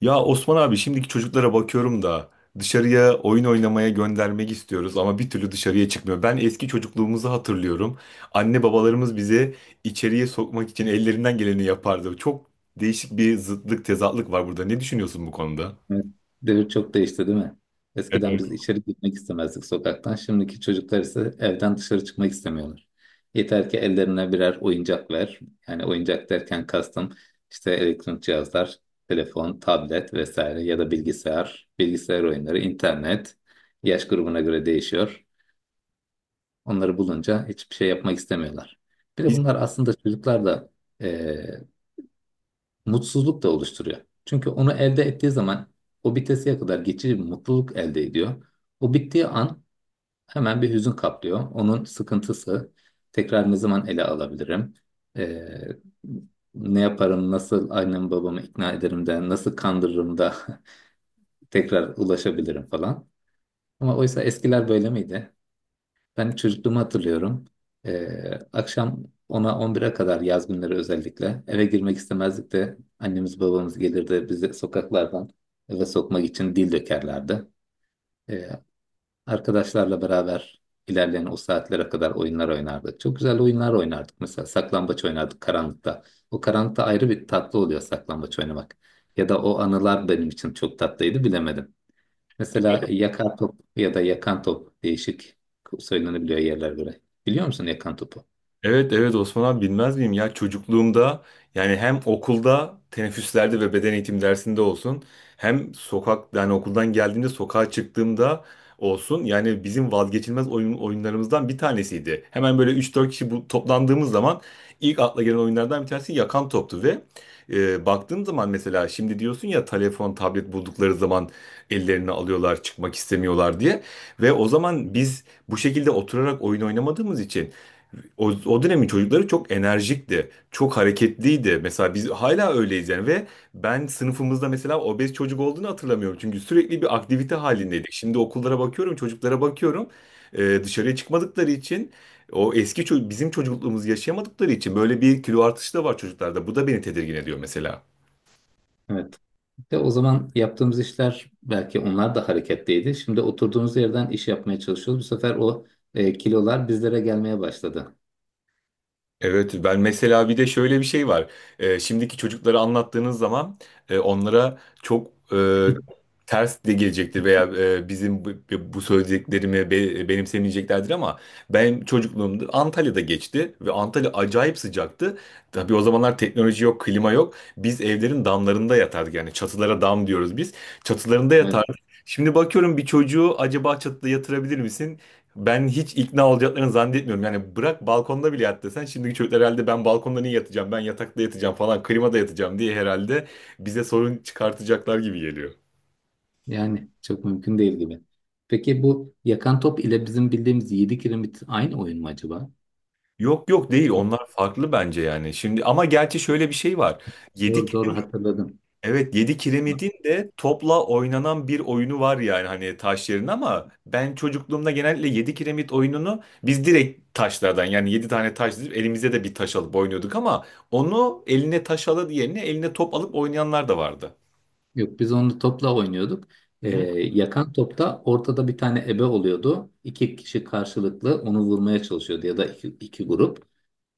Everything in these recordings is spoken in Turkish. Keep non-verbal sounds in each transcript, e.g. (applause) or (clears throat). Ya Osman abi şimdiki çocuklara bakıyorum da dışarıya oyun oynamaya göndermek istiyoruz ama bir türlü dışarıya çıkmıyor. Ben eski çocukluğumuzu hatırlıyorum. Anne babalarımız bizi içeriye sokmak için ellerinden geleni yapardı. Çok değişik bir zıtlık, tezatlık var burada. Ne düşünüyorsun bu konuda? Evet, devir çok değişti değil mi? Eskiden Evet. biz içeri gitmek istemezdik sokaktan. Şimdiki çocuklar ise evden dışarı çıkmak istemiyorlar. Yeter ki ellerine birer oyuncak ver. Yani oyuncak derken kastım işte elektronik cihazlar, telefon, tablet vesaire ya da bilgisayar oyunları, internet. Yaş grubuna göre değişiyor. Onları bulunca hiçbir şey yapmak istemiyorlar. Bir de bunlar aslında çocuklar da mutsuzluk da oluşturuyor. Çünkü onu elde ettiği zaman o bitesiye kadar geçici bir mutluluk elde ediyor. O bittiği an hemen bir hüzün kaplıyor. Onun sıkıntısı tekrar ne zaman ele alabilirim? Ee, Ne yaparım, nasıl annemi babamı ikna ederim de, nasıl kandırırım da (laughs) tekrar ulaşabilirim falan. Ama oysa eskiler böyle miydi? Ben çocukluğumu hatırlıyorum. Ee, Akşam 10'a 11'e kadar yaz günleri özellikle eve girmek istemezdik de annemiz babamız gelirdi bizi sokaklardan eve sokmak için dil dökerlerdi. Ee, Arkadaşlarla beraber ilerleyen o saatlere kadar oyunlar oynardık. Çok güzel oyunlar oynardık. Mesela saklambaç oynardık karanlıkta. O karanlıkta ayrı bir tatlı oluyor saklambaç oynamak. Ya da o anılar benim için çok tatlıydı bilemedim. Mesela yakar top ya da yakan top değişik söylenebiliyor yerler göre. Biliyor musun yakan topu? Evet, evet Osman abi bilmez miyim ya, çocukluğumda yani hem okulda teneffüslerde ve beden eğitim dersinde olsun, hem sokak yani okuldan geldiğimde sokağa çıktığımda olsun, yani bizim vazgeçilmez oyunlarımızdan bir tanesiydi. Hemen böyle üç dört kişi bu, toplandığımız zaman ilk akla gelen oyunlardan bir tanesi yakan toptu ve baktığım zaman mesela şimdi diyorsun ya, telefon tablet buldukları zaman ellerini alıyorlar çıkmak istemiyorlar diye, ve o zaman biz bu şekilde oturarak oyun oynamadığımız için o dönemin çocukları çok enerjikti, çok hareketliydi. Mesela biz hala öyleyiz yani. Ve ben sınıfımızda mesela obez çocuk olduğunu hatırlamıyorum. Çünkü sürekli bir aktivite halindeydik. Şimdi okullara bakıyorum, çocuklara bakıyorum. Dışarıya çıkmadıkları için o eski bizim çocukluğumuzu yaşayamadıkları için böyle bir kilo artışı da var çocuklarda. Bu da beni tedirgin ediyor mesela. Evet. De o zaman yaptığımız işler belki onlar da hareketliydi. Şimdi oturduğumuz yerden iş yapmaya çalışıyoruz. Bu sefer o kilolar bizlere gelmeye başladı. Evet, ben mesela bir de şöyle bir şey var. Şimdiki çocuklara anlattığınız zaman onlara çok (laughs) ters de gelecektir, veya bizim bu, bu söylediklerimi benimsemeyeceklerdir ama benim çocukluğumda Antalya'da geçti ve Antalya acayip sıcaktı. Tabii o zamanlar teknoloji yok, klima yok. Biz evlerin damlarında yatardık, yani çatılara dam diyoruz biz. Çatılarında Evet. yatardık. Şimdi bakıyorum, bir çocuğu acaba çatıda yatırabilir misin? Ben hiç ikna olacaklarını zannetmiyorum. Yani bırak balkonda bile yat desen, şimdiki çocuklar herhalde ben balkonda niye yatacağım? Ben yatakta yatacağım falan, klimada yatacağım diye herhalde bize sorun çıkartacaklar gibi geliyor. Yani çok mümkün değil gibi. Peki bu yakan top ile bizim bildiğimiz 7 kiremit aynı oyun mu acaba? Yok yok, değil, onlar (laughs) farklı bence yani. Şimdi ama gerçi şöyle bir şey var. Yedik. Doğru doğru, hatırladım. Evet, 7 kiremidin de topla oynanan bir oyunu var yani, hani taş yerine, ama ben çocukluğumda genellikle 7 kiremit oyununu biz direkt taşlardan, yani 7 tane taş dizip elimize de bir taş alıp oynuyorduk, ama onu eline taş alıp yerine eline top alıp oynayanlar da vardı. Yok biz onu topla oynuyorduk. Hı Ee, hı. Yakan topta ortada bir tane ebe oluyordu. İki kişi karşılıklı onu vurmaya çalışıyordu ya da iki grup.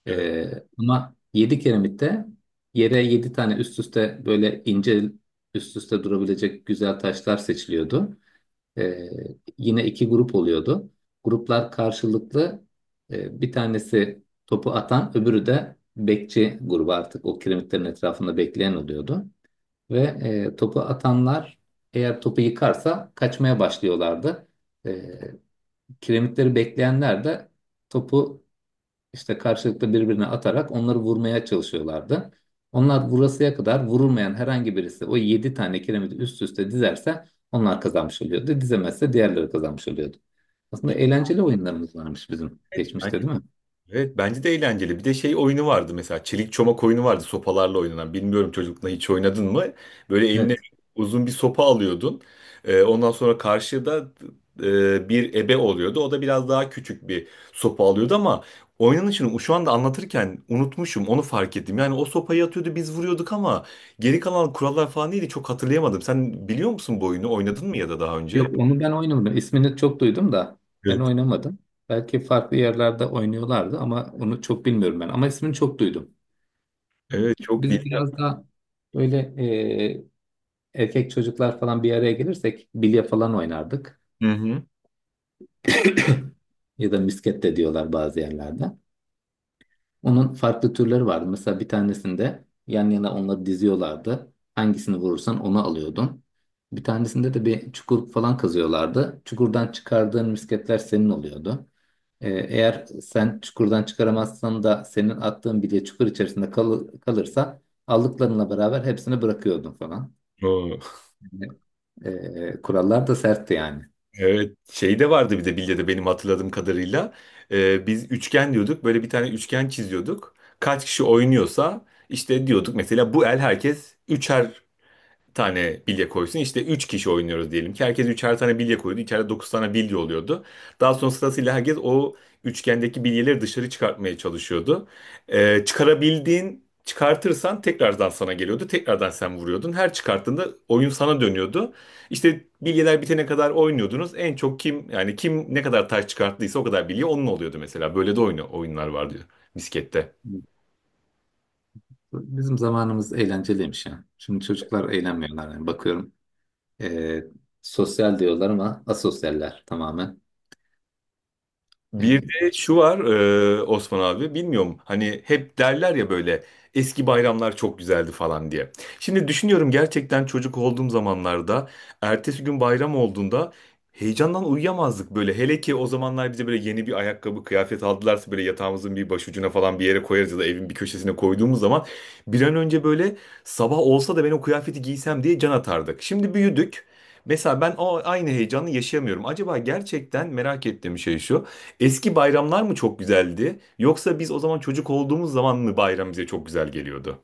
Evet. Ee, Ama yedi kiremitte yere yedi tane üst üste böyle ince üst üste durabilecek güzel taşlar seçiliyordu. Ee, Yine iki grup oluyordu. Gruplar karşılıklı bir tanesi topu atan öbürü de bekçi grubu artık o kiremitlerin etrafında bekleyen oluyordu. Ve topu atanlar eğer topu yıkarsa kaçmaya başlıyorlardı. E, Kiremitleri bekleyenler de topu işte karşılıklı birbirine atarak onları vurmaya çalışıyorlardı. Onlar vurasıya kadar vurulmayan herhangi birisi o 7 tane kiremiti üst üste dizerse onlar kazanmış oluyordu. Dizemezse diğerleri kazanmış oluyordu. Aslında eğlenceli oyunlarımız varmış bizim geçmişte değil mi? Evet, bence de eğlenceli. Bir de şey oyunu vardı, mesela çelik çomak oyunu vardı sopalarla oynanan. Bilmiyorum, çocukluğunda hiç oynadın mı? Böyle eline Evet. uzun bir sopa alıyordun. Ondan sonra karşıda bir ebe oluyordu. O da biraz daha küçük bir sopa alıyordu ama oynanışını şu anda anlatırken unutmuşum, onu fark ettim. Yani o sopayı atıyordu, biz vuruyorduk, ama geri kalan kurallar falan neydi çok hatırlayamadım. Sen biliyor musun bu oyunu? Oynadın mı ya da daha önce? Yok onu ben oynamadım. İsmini çok duydum da ben Evet. oynamadım. Belki farklı yerlerde oynuyorlardı ama onu çok bilmiyorum ben. Ama ismini çok duydum. Evet, çok Biz bilgi. biraz daha böyle erkek çocuklar falan bir araya gelirsek bilye falan oynardık. Hı (coughs) hı. (clears throat) Ya da misket de diyorlar bazı yerlerde. Onun farklı türleri vardı. Mesela bir tanesinde yan yana onları diziyorlardı. Hangisini vurursan onu alıyordun. Bir tanesinde de bir çukur falan kazıyorlardı. Çukurdan çıkardığın misketler senin oluyordu. Eğer sen çukurdan çıkaramazsan da senin attığın bilye çukur içerisinde kalırsa aldıklarınla beraber hepsini bırakıyordun falan. Oo. Yani, kurallar da sertti yani. Evet, şey de vardı bir de bilyede benim hatırladığım kadarıyla. Biz üçgen diyorduk. Böyle bir tane üçgen çiziyorduk. Kaç kişi oynuyorsa işte diyorduk mesela, bu el herkes üçer tane bilye koysun. İşte 3 kişi oynuyoruz diyelim ki. Herkes üçer tane bilye koydu. İçeride 9 tane bilye oluyordu. Daha sonra sırasıyla herkes o üçgendeki bilyeleri dışarı çıkartmaya çalışıyordu. Çıkarabildiğin, çıkartırsan tekrardan sana geliyordu. Tekrardan sen vuruyordun. Her çıkarttığında oyun sana dönüyordu. İşte bilyeler bitene kadar oynuyordunuz. En çok kim, yani kim ne kadar taş çıkarttıysa o kadar bilye onun oluyordu mesela. Böyle de oyunlar vardı bisiklette. Bizim zamanımız eğlenceliymiş ya. Şimdi çocuklar eğlenmiyorlar yani bakıyorum. Ee, Sosyal diyorlar ama asosyaller tamamen. Bir Yani, de şu var, Osman abi, bilmiyorum, hani hep derler ya böyle eski bayramlar çok güzeldi falan diye. Şimdi düşünüyorum, gerçekten çocuk olduğum zamanlarda ertesi gün bayram olduğunda heyecandan uyuyamazdık böyle. Hele ki o zamanlar bize böyle yeni bir ayakkabı kıyafet aldılarsa, böyle yatağımızın bir başucuna falan bir yere koyarız ya da evin bir köşesine koyduğumuz zaman bir an önce böyle sabah olsa da ben o kıyafeti giysem diye can atardık. Şimdi büyüdük. Mesela ben o aynı heyecanı yaşayamıyorum. Acaba gerçekten merak ettiğim şey şu. Eski bayramlar mı çok güzeldi? Yoksa biz o zaman çocuk olduğumuz zaman mı bayram bize çok güzel geliyordu?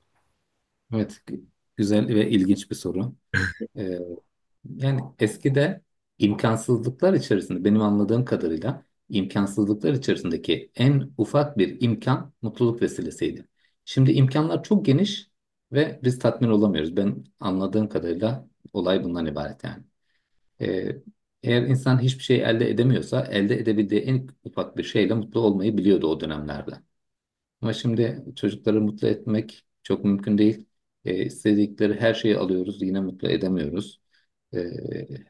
evet, güzel ve ilginç bir soru. Ee, Yani eskide benim anladığım kadarıyla imkansızlıklar içerisindeki en ufak bir imkan mutluluk vesilesiydi. Şimdi imkanlar çok geniş ve biz tatmin olamıyoruz. Ben anladığım kadarıyla olay bundan ibaret yani. Ee, Eğer insan hiçbir şey elde edemiyorsa, elde edebildiği en ufak bir şeyle mutlu olmayı biliyordu o dönemlerde. Ama şimdi çocukları mutlu etmek çok mümkün değil. İstedikleri her şeyi alıyoruz, yine mutlu edemiyoruz. E,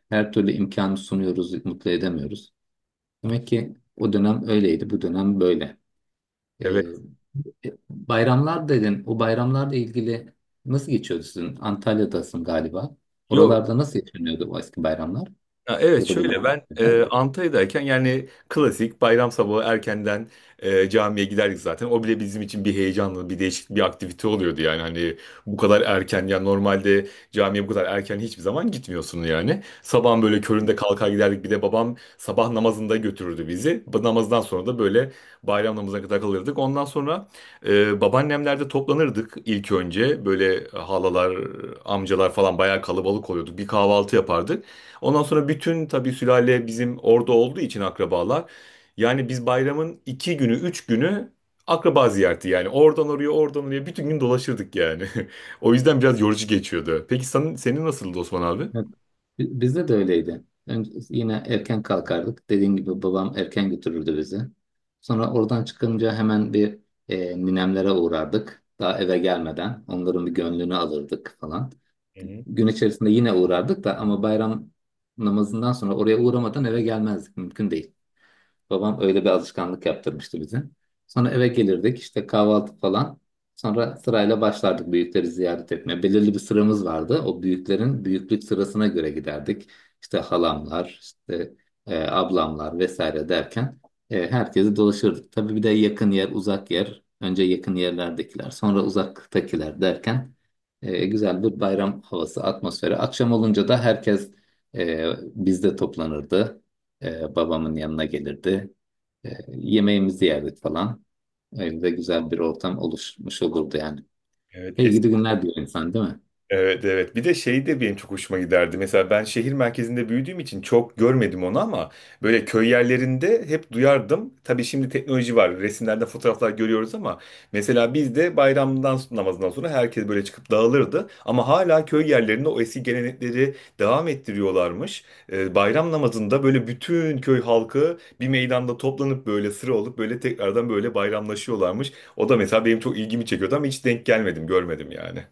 Her türlü imkanı sunuyoruz, mutlu edemiyoruz. Demek ki o dönem öyleydi, bu dönem böyle. E, Evet. Bayramlar dedin, o bayramlarla ilgili nasıl geçiyordu sizin? Antalya'dasın galiba. Yok. Oralarda nasıl yaşanıyordu o eski bayramlar Ya evet, ya da bunun? şöyle, ben Antalya'dayken yani klasik bayram sabahı erkenden camiye giderdik zaten. O bile bizim için bir heyecanlı bir değişik bir aktivite oluyordu, yani hani bu kadar erken, yani normalde camiye bu kadar erken hiçbir zaman gitmiyorsun yani. Sabahın böyle köründe kalkar giderdik, bir de babam sabah namazında götürürdü bizi. Bu namazdan sonra da böyle bayram namazına kadar kalırdık. Ondan sonra babaannemlerde toplanırdık ilk önce, böyle halalar, amcalar falan, bayağı kalabalık oluyorduk. Bir kahvaltı yapardık. Ondan sonra bütün tabii sülale bizim orada olduğu için akrabalar. Yani biz bayramın iki günü, üç günü akraba ziyareti yani. Oradan oraya, oradan oraya bütün gün dolaşırdık yani. (laughs) O yüzden biraz yorucu geçiyordu. Peki senin nasıldı Osman abi? Evet. Bizde de öyleydi. Önce yine erken kalkardık. Dediğim gibi babam erken götürürdü bizi. Sonra oradan çıkınca hemen bir ninemlere uğrardık. Daha eve gelmeden onların bir gönlünü alırdık falan. Hı hı. Gün içerisinde yine uğrardık da ama bayram namazından sonra oraya uğramadan eve gelmezdik. Mümkün değil. Babam öyle bir alışkanlık yaptırmıştı bize. Sonra eve gelirdik işte kahvaltı falan. Sonra sırayla başlardık büyükleri ziyaret etmeye. Belirli bir sıramız vardı. O büyüklerin büyüklük sırasına göre giderdik. İşte halamlar, işte ablamlar vesaire derken herkesi dolaşırdık. Tabii bir de yakın yer, uzak yer. Önce yakın yerlerdekiler, sonra uzaktakiler derken güzel bir bayram havası, atmosferi. Akşam olunca da herkes e, bizde toplanırdı. Babamın yanına gelirdi. Yemeğimizi yerdik falan. Evde güzel bir ortam oluşmuş olurdu yani. Evet. İyi gidi günler diyor insan değil mi? Evet, evet, bir de şey de benim çok hoşuma giderdi. Mesela ben şehir merkezinde büyüdüğüm için çok görmedim onu ama böyle köy yerlerinde hep duyardım. Tabii şimdi teknoloji var. Resimlerde fotoğraflar görüyoruz ama mesela bizde de bayramdan namazından sonra herkes böyle çıkıp dağılırdı. Ama hala köy yerlerinde o eski gelenekleri devam ettiriyorlarmış. Bayram namazında böyle bütün köy halkı bir meydanda toplanıp böyle sıra olup böyle tekrardan böyle bayramlaşıyorlarmış. O da mesela benim çok ilgimi çekiyordu ama hiç denk gelmedim, görmedim yani.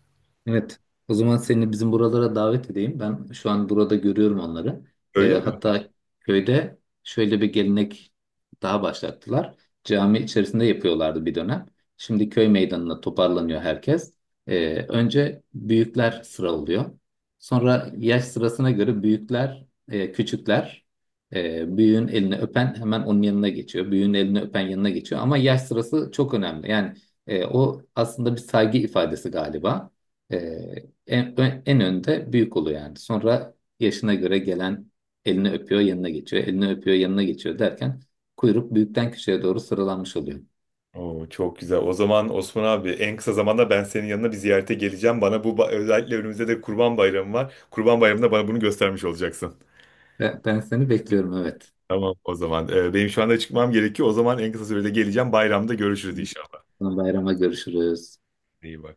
Evet. O zaman seni bizim buralara davet edeyim. Ben şu an burada görüyorum onları. Öyle mi? Hatta köyde şöyle bir gelenek daha başlattılar. Cami içerisinde yapıyorlardı bir dönem. Şimdi köy meydanına toparlanıyor herkes. Önce büyükler sıralıyor. Sonra yaş sırasına göre büyükler, küçükler, büyüğün elini öpen hemen onun yanına geçiyor. Büyüğün elini öpen yanına geçiyor. Ama yaş sırası çok önemli. Yani o aslında bir saygı ifadesi galiba. Ee, en, en önde büyük oluyor yani. Sonra yaşına göre gelen elini öpüyor, yanına geçiyor. Elini öpüyor, yanına geçiyor derken kuyruk büyükten küçüğe doğru sıralanmış oluyor. Oo, çok güzel. O zaman Osman abi en kısa zamanda ben senin yanına bir ziyarete geleceğim. Bana bu özellikle önümüzde de Kurban Bayramı var. Kurban Bayramı'nda bana bunu göstermiş olacaksın. Ve ben seni bekliyorum, evet. Tamam o zaman. Benim şu anda çıkmam gerekiyor. O zaman en kısa sürede geleceğim. Bayramda görüşürüz inşallah. Bayrama görüşürüz. İyi bak.